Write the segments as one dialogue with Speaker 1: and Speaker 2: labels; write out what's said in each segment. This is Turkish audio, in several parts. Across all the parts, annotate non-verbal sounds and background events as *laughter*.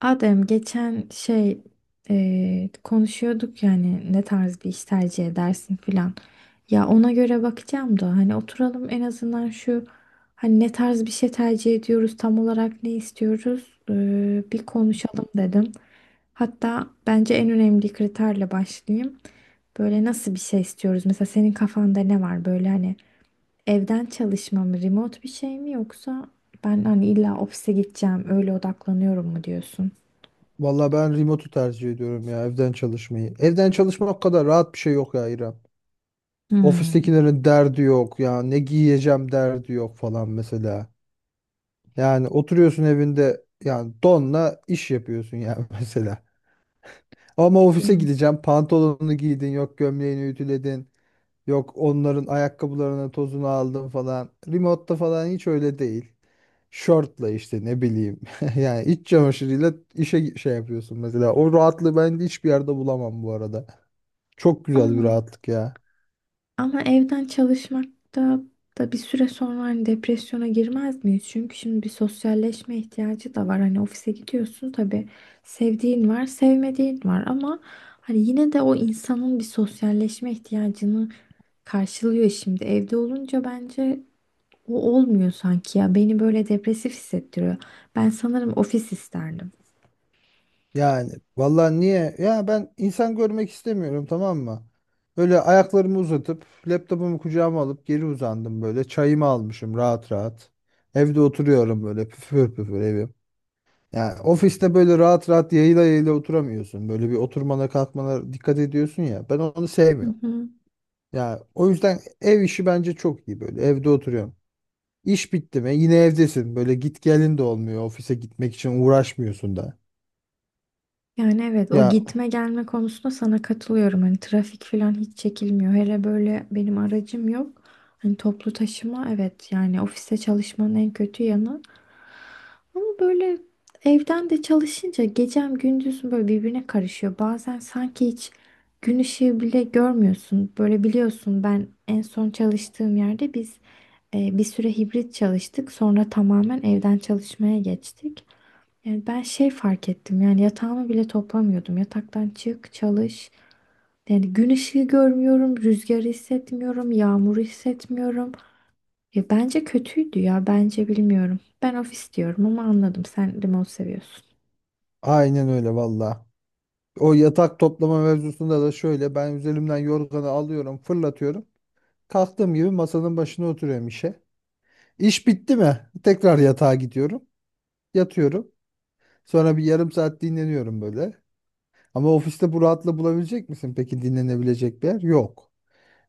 Speaker 1: Adem geçen şey konuşuyorduk yani ne tarz bir iş tercih edersin filan. Ya ona göre bakacağım da hani oturalım en azından şu hani ne tarz bir şey tercih ediyoruz tam olarak ne istiyoruz bir konuşalım dedim. Hatta bence en önemli kriterle başlayayım. Böyle nasıl bir şey istiyoruz? Mesela senin kafanda ne var böyle hani evden çalışma mı remote bir şey mi yoksa ben hani illa ofise gideceğim öyle odaklanıyorum mu diyorsun?
Speaker 2: Valla ben remote'u tercih ediyorum ya evden çalışmayı. Evden çalışmak kadar rahat bir şey yok ya İrem.
Speaker 1: Hmm.
Speaker 2: Ofistekilerin derdi yok ya ne giyeceğim derdi yok falan mesela. Yani oturuyorsun evinde yani donla iş yapıyorsun yani *laughs* mesela. Ama
Speaker 1: Ya,
Speaker 2: ofise gideceğim pantolonunu giydin yok gömleğini ütüledin yok onların ayakkabılarının tozunu aldın falan. Remote'da falan hiç öyle değil. Şortla işte ne bileyim. *laughs* Yani iç çamaşırıyla işe şey yapıyorsun mesela. O rahatlığı ben de hiçbir yerde bulamam bu arada. Çok güzel bir
Speaker 1: ama
Speaker 2: rahatlık ya.
Speaker 1: ama evden çalışmakta da bir süre sonra hani depresyona girmez miyiz? Çünkü şimdi bir sosyalleşme ihtiyacı da var. Hani ofise gidiyorsun tabii sevdiğin var, sevmediğin var ama hani yine de o insanın bir sosyalleşme ihtiyacını karşılıyor şimdi. Evde olunca bence o olmuyor sanki ya. Beni böyle depresif hissettiriyor. Ben sanırım ofis isterdim.
Speaker 2: Yani vallahi niye? Ya ben insan görmek istemiyorum tamam mı? Böyle ayaklarımı uzatıp laptopumu kucağıma alıp geri uzandım böyle. Çayımı almışım rahat rahat. Evde oturuyorum böyle püfür püfür evim. Yani ofiste böyle rahat rahat yayla yayla oturamıyorsun. Böyle bir oturmana kalkmana dikkat ediyorsun ya. Ben onu
Speaker 1: Hı
Speaker 2: sevmiyorum.
Speaker 1: hı.
Speaker 2: Ya o yüzden ev işi bence çok iyi böyle. Evde oturuyorsun. İş bitti mi yine evdesin. Böyle git gelin de olmuyor. Ofise gitmek için uğraşmıyorsun da.
Speaker 1: Yani evet o
Speaker 2: Ya
Speaker 1: gitme gelme konusunda sana katılıyorum. Hani trafik falan hiç çekilmiyor. Hele böyle benim aracım yok. Hani toplu taşıma evet yani ofiste çalışmanın en kötü yanı. Ama böyle evden de çalışınca gecem gündüzüm böyle birbirine karışıyor. Bazen sanki hiç gün ışığı bile görmüyorsun. Böyle biliyorsun ben en son çalıştığım yerde biz bir süre hibrit çalıştık. Sonra tamamen evden çalışmaya geçtik. Yani ben şey fark ettim yani yatağımı bile toplamıyordum. Yataktan çık, çalış. Yani gün ışığı görmüyorum, rüzgarı hissetmiyorum, yağmuru hissetmiyorum. Ya bence kötüydü ya bence bilmiyorum. Ben ofis diyorum ama anladım sen remote seviyorsun.
Speaker 2: aynen öyle valla. O yatak toplama mevzusunda da şöyle ben üzerimden yorganı alıyorum fırlatıyorum. Kalktığım gibi masanın başına oturuyorum işe. İş bitti mi tekrar yatağa gidiyorum. Yatıyorum. Sonra bir yarım saat dinleniyorum böyle. Ama ofiste bu rahatlığı bulabilecek misin? Peki dinlenebilecek bir yer? Yok.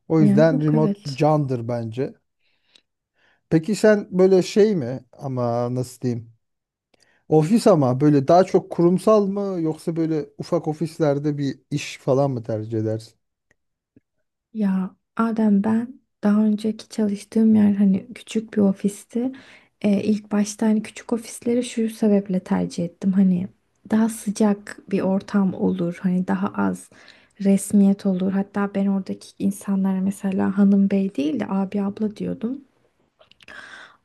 Speaker 2: O
Speaker 1: Ya
Speaker 2: yüzden
Speaker 1: yok
Speaker 2: remote
Speaker 1: evet.
Speaker 2: candır bence. Peki sen böyle şey mi ama nasıl diyeyim? Ofis ama böyle daha çok kurumsal mı yoksa böyle ufak ofislerde bir iş falan mı tercih edersin?
Speaker 1: Ya Adem ben daha önceki çalıştığım yer hani küçük bir ofisti. İlk başta hani küçük ofisleri şu sebeple tercih ettim. Hani daha sıcak bir ortam olur. Hani daha az resmiyet olur. Hatta ben oradaki insanlara mesela hanım bey değil de abi abla diyordum.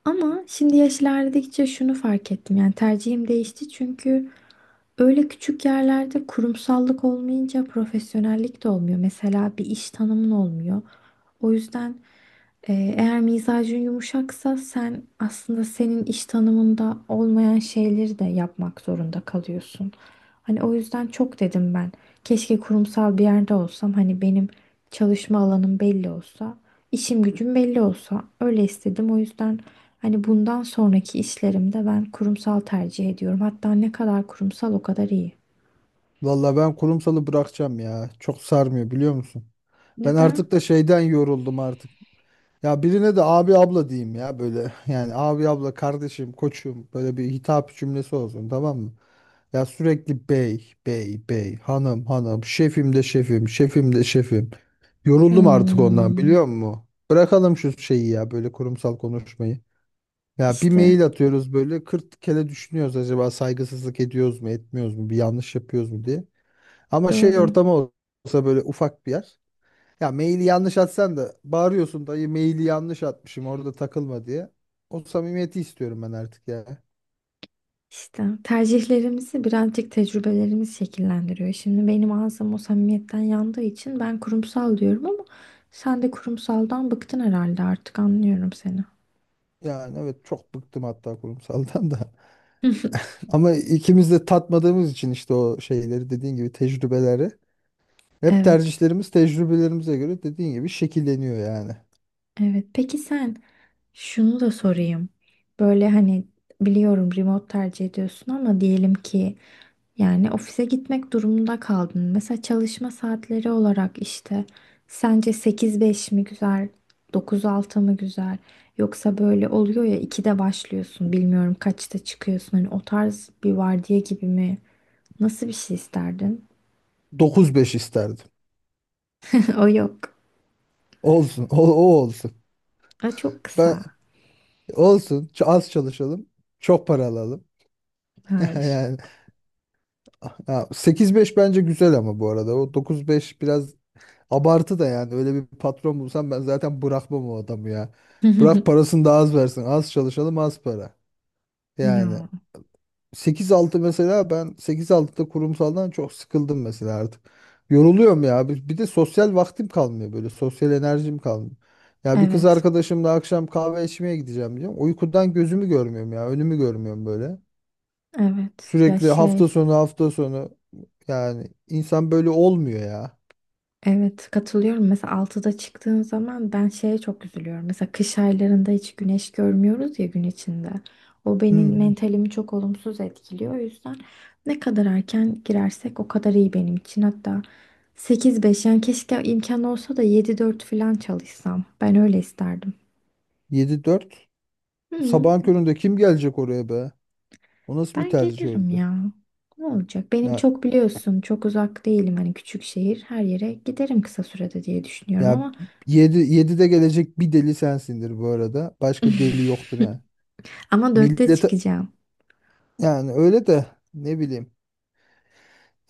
Speaker 1: Ama şimdi yaş ilerledikçe şunu fark ettim. Yani tercihim değişti çünkü öyle küçük yerlerde kurumsallık olmayınca profesyonellik de olmuyor. Mesela bir iş tanımın olmuyor. O yüzden eğer mizacın yumuşaksa sen aslında senin iş tanımında olmayan şeyleri de yapmak zorunda kalıyorsun. Hani o yüzden çok dedim ben. Keşke kurumsal bir yerde olsam hani benim çalışma alanım belli olsa, işim gücüm belli olsa öyle istedim. O yüzden hani bundan sonraki işlerimde ben kurumsal tercih ediyorum. Hatta ne kadar kurumsal o kadar iyi.
Speaker 2: Valla ben kurumsalı bırakacağım ya. Çok sarmıyor biliyor musun? Ben
Speaker 1: Neden?
Speaker 2: artık da şeyden yoruldum artık. Ya birine de abi abla diyeyim ya böyle *laughs* yani abi abla kardeşim koçum böyle bir hitap cümlesi olsun tamam mı? Ya sürekli bey bey bey hanım hanım şefim de şefim şefim de şefim. Yoruldum artık ondan
Speaker 1: Hmm.
Speaker 2: biliyor musun? Bırakalım şu şeyi ya böyle kurumsal konuşmayı. Ya bir
Speaker 1: İşte
Speaker 2: mail atıyoruz böyle 40 kere düşünüyoruz acaba saygısızlık ediyoruz mu etmiyoruz mu bir yanlış yapıyoruz mu diye. Ama şey
Speaker 1: doğru.
Speaker 2: ortamı olsa böyle ufak bir yer. Ya maili yanlış atsan da bağırıyorsun dayı maili yanlış atmışım orada takılma diye. O samimiyeti istiyorum ben artık ya.
Speaker 1: İşte tercihlerimizi birazcık tecrübelerimiz şekillendiriyor. Şimdi benim ağzım o samimiyetten yandığı için ben kurumsal diyorum ama sen de kurumsaldan bıktın herhalde artık anlıyorum seni.
Speaker 2: Yani evet çok bıktım hatta kurumsaldan da.
Speaker 1: *laughs*
Speaker 2: *laughs* Ama ikimiz de tatmadığımız için işte o şeyleri dediğin gibi tecrübeleri. Hep
Speaker 1: Evet,
Speaker 2: tercihlerimiz tecrübelerimize göre dediğin gibi şekilleniyor yani.
Speaker 1: evet. Peki sen şunu da sorayım. Böyle hani biliyorum remote tercih ediyorsun ama diyelim ki yani ofise gitmek durumunda kaldın. Mesela çalışma saatleri olarak işte sence 8-5 mi güzel, 9-6 mı güzel? Yoksa böyle oluyor ya 2'de başlıyorsun, bilmiyorum kaçta çıkıyorsun. Hani o tarz bir vardiya gibi mi? Nasıl bir şey isterdin?
Speaker 2: 9-5 isterdim.
Speaker 1: *laughs* O yok.
Speaker 2: Olsun o, o olsun.
Speaker 1: Aa, çok
Speaker 2: Ben
Speaker 1: kısa.
Speaker 2: olsun az çalışalım çok para alalım. *laughs*
Speaker 1: Hayır.
Speaker 2: Yani ha, 8-5 bence güzel ama bu arada o 9-5 biraz abartı da yani öyle bir patron bulsam ben zaten bırakmam o adamı ya. Bırak
Speaker 1: *laughs*
Speaker 2: parasını da az versin. Az çalışalım az para. Yani
Speaker 1: Ya
Speaker 2: 8-6 mesela ben 8-6'da kurumsaldan çok sıkıldım mesela artık. Yoruluyorum ya. Bir de sosyal vaktim kalmıyor böyle. Sosyal enerjim kalmıyor. Ya bir kız
Speaker 1: evet,
Speaker 2: arkadaşımla akşam kahve içmeye gideceğim diyorum. Uykudan gözümü görmüyorum ya. Önümü görmüyorum böyle.
Speaker 1: evet. Ya
Speaker 2: Sürekli hafta
Speaker 1: şey.
Speaker 2: sonu hafta sonu yani insan böyle olmuyor ya.
Speaker 1: Evet katılıyorum. Mesela 6'da çıktığın zaman ben şeye çok üzülüyorum. Mesela kış aylarında hiç güneş görmüyoruz ya gün içinde. O benim
Speaker 2: Hmm.
Speaker 1: mentalimi çok olumsuz etkiliyor. O yüzden ne kadar erken girersek o kadar iyi benim için. Hatta 8-5, yani keşke imkan olsa da 7-4 falan çalışsam. Ben öyle isterdim.
Speaker 2: 7-4.
Speaker 1: Hı,
Speaker 2: Sabahın köründe kim gelecek oraya be? O nasıl bir
Speaker 1: ben
Speaker 2: tercih
Speaker 1: gelirim
Speaker 2: öyle?
Speaker 1: ya. Ne olacak? Benim
Speaker 2: Ya
Speaker 1: çok biliyorsun çok uzak değilim. Hani küçük şehir her yere giderim kısa sürede diye düşünüyorum
Speaker 2: ya,
Speaker 1: ama
Speaker 2: 7'de gelecek bir deli sensindir bu arada. Başka deli yoktur yani.
Speaker 1: ama 4'te
Speaker 2: Millete
Speaker 1: çıkacağım.
Speaker 2: yani öyle de ne bileyim.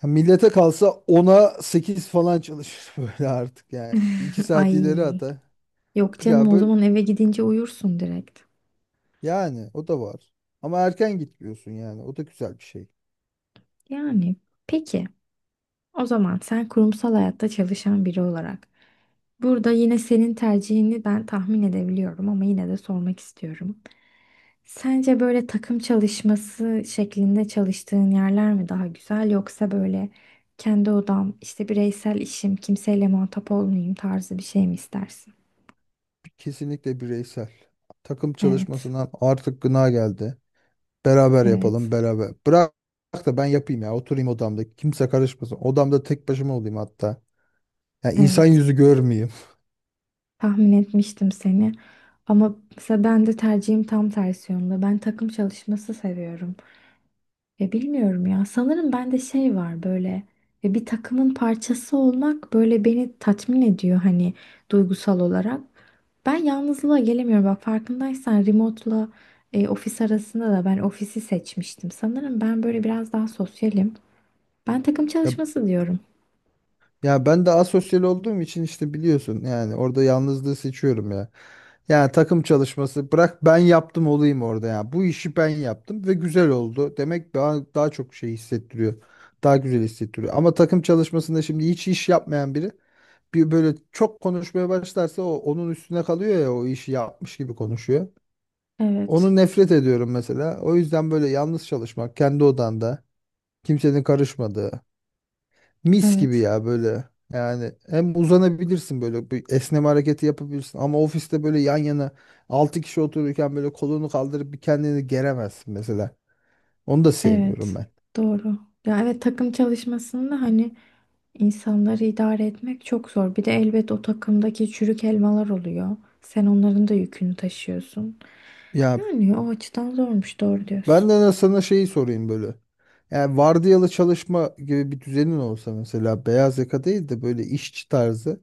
Speaker 2: Ya millete kalsa ona 8 falan çalışır *laughs* böyle artık yani. Bir iki saat ileri
Speaker 1: Ay
Speaker 2: ata.
Speaker 1: yok canım
Speaker 2: Ya
Speaker 1: o
Speaker 2: böyle
Speaker 1: zaman eve gidince uyursun direkt.
Speaker 2: yani o da var. Ama erken gitmiyorsun yani. O da güzel bir şey.
Speaker 1: Yani peki o zaman sen kurumsal hayatta çalışan biri olarak burada yine senin tercihini ben tahmin edebiliyorum ama yine de sormak istiyorum. Sence böyle takım çalışması şeklinde çalıştığın yerler mi daha güzel yoksa böyle kendi odam işte bireysel işim kimseyle muhatap olmayayım tarzı bir şey mi istersin?
Speaker 2: Kesinlikle bireysel. Takım
Speaker 1: Evet,
Speaker 2: çalışmasından artık gına geldi. Beraber
Speaker 1: evet,
Speaker 2: yapalım beraber. Bırak da ben yapayım ya. Oturayım odamda. Kimse karışmasın. Odamda tek başıma olayım hatta. Ya insan
Speaker 1: evet.
Speaker 2: yüzü görmeyeyim. *laughs*
Speaker 1: Tahmin etmiştim seni. Ama mesela ben de tercihim tam tersi yönde. Ben takım çalışması seviyorum. Ya bilmiyorum ya. Sanırım bende şey var böyle. Ya bir takımın parçası olmak böyle beni tatmin ediyor hani duygusal olarak. Ben yalnızlığa gelemiyorum. Bak farkındaysan remote'la ofis arasında da ben ofisi seçmiştim. Sanırım ben böyle biraz daha sosyalim. Ben takım
Speaker 2: Ya,
Speaker 1: çalışması diyorum.
Speaker 2: ya, ben de asosyal olduğum için işte biliyorsun yani orada yalnızlığı seçiyorum ya. Yani takım çalışması bırak ben yaptım olayım orada ya. Bu işi ben yaptım ve güzel oldu. Demek daha çok şey hissettiriyor. Daha güzel hissettiriyor. Ama takım çalışmasında şimdi hiç iş yapmayan biri bir böyle çok konuşmaya başlarsa o onun üstüne kalıyor ya o işi yapmış gibi konuşuyor.
Speaker 1: Evet.
Speaker 2: Onu nefret ediyorum mesela. O yüzden böyle yalnız çalışmak, kendi odanda, kimsenin karışmadığı, mis gibi
Speaker 1: Evet.
Speaker 2: ya böyle. Yani hem uzanabilirsin böyle bir esneme hareketi yapabilirsin ama ofiste böyle yan yana 6 kişi otururken böyle kolunu kaldırıp bir kendini geremezsin mesela. Onu da sevmiyorum
Speaker 1: Evet.
Speaker 2: ben.
Speaker 1: Doğru. Ya evet takım çalışmasında hani İnsanları idare etmek çok zor. Bir de elbet o takımdaki çürük elmalar oluyor. Sen onların da yükünü taşıyorsun.
Speaker 2: Ya
Speaker 1: Yani o açıdan zormuş, doğru diyorsun.
Speaker 2: ben de sana şeyi sorayım böyle. Yani vardiyalı çalışma gibi bir düzenin olsa mesela beyaz yaka değil de böyle işçi tarzı.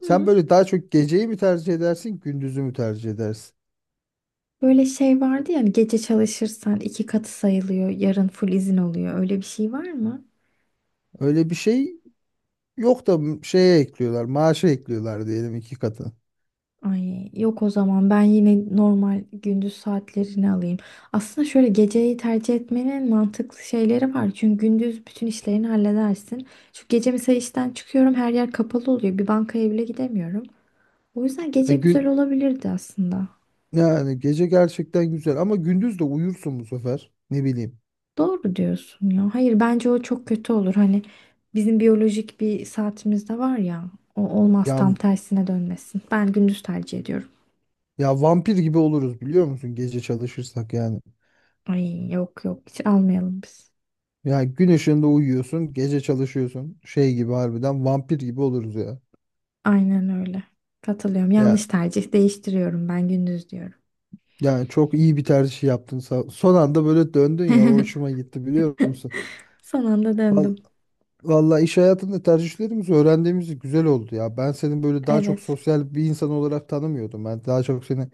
Speaker 2: Sen böyle daha çok geceyi mi tercih edersin, gündüzü mü tercih edersin?
Speaker 1: Böyle şey vardı ya, hani gece çalışırsan iki katı sayılıyor, yarın full izin oluyor. Öyle bir şey var mı?
Speaker 2: Öyle bir şey yok da şeye ekliyorlar, maaşa ekliyorlar diyelim iki katı.
Speaker 1: Ay yok o zaman ben yine normal gündüz saatlerini alayım. Aslında şöyle geceyi tercih etmenin mantıklı şeyleri var. Çünkü gündüz bütün işlerini halledersin. Şu gece mesela işten çıkıyorum her yer kapalı oluyor. Bir bankaya bile gidemiyorum. O yüzden
Speaker 2: E
Speaker 1: gece güzel
Speaker 2: gün
Speaker 1: olabilirdi aslında.
Speaker 2: Yani gece gerçekten güzel ama gündüz de uyursun bu sefer. Ne bileyim.
Speaker 1: Doğru diyorsun ya. Hayır bence o çok kötü olur. Hani bizim biyolojik bir saatimiz de var ya. O olmaz
Speaker 2: Ya
Speaker 1: tam tersine dönmesin. Ben gündüz tercih ediyorum.
Speaker 2: ya, vampir gibi oluruz biliyor musun gece çalışırsak yani.
Speaker 1: Ay yok yok hiç almayalım biz.
Speaker 2: Ya gün ışığında uyuyorsun, gece çalışıyorsun. Şey gibi harbiden vampir gibi oluruz ya.
Speaker 1: Aynen öyle. Katılıyorum.
Speaker 2: Ya
Speaker 1: Yanlış tercih değiştiriyorum ben gündüz diyorum.
Speaker 2: yani çok iyi bir tercih yaptın. Son anda böyle döndün ya o hoşuma
Speaker 1: *laughs*
Speaker 2: gitti biliyor musun?
Speaker 1: Son anda
Speaker 2: Val-
Speaker 1: döndüm.
Speaker 2: Valla iş hayatında tercihlerimizi, öğrendiğimiz güzel oldu ya. Ben senin böyle daha çok
Speaker 1: Evet.
Speaker 2: sosyal bir insan olarak tanımıyordum. Ben daha çok seni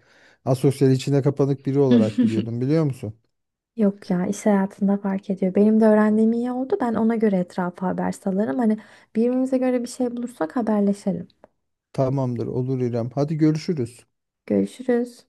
Speaker 2: asosyal içine kapanık biri olarak
Speaker 1: *laughs*
Speaker 2: biliyordum biliyor musun?
Speaker 1: Yok ya iş hayatında fark ediyor. Benim de öğrendiğim iyi oldu. Ben ona göre etrafa haber salarım. Hani birbirimize göre bir şey bulursak haberleşelim.
Speaker 2: Tamamdır olur İrem. Hadi görüşürüz.
Speaker 1: Görüşürüz.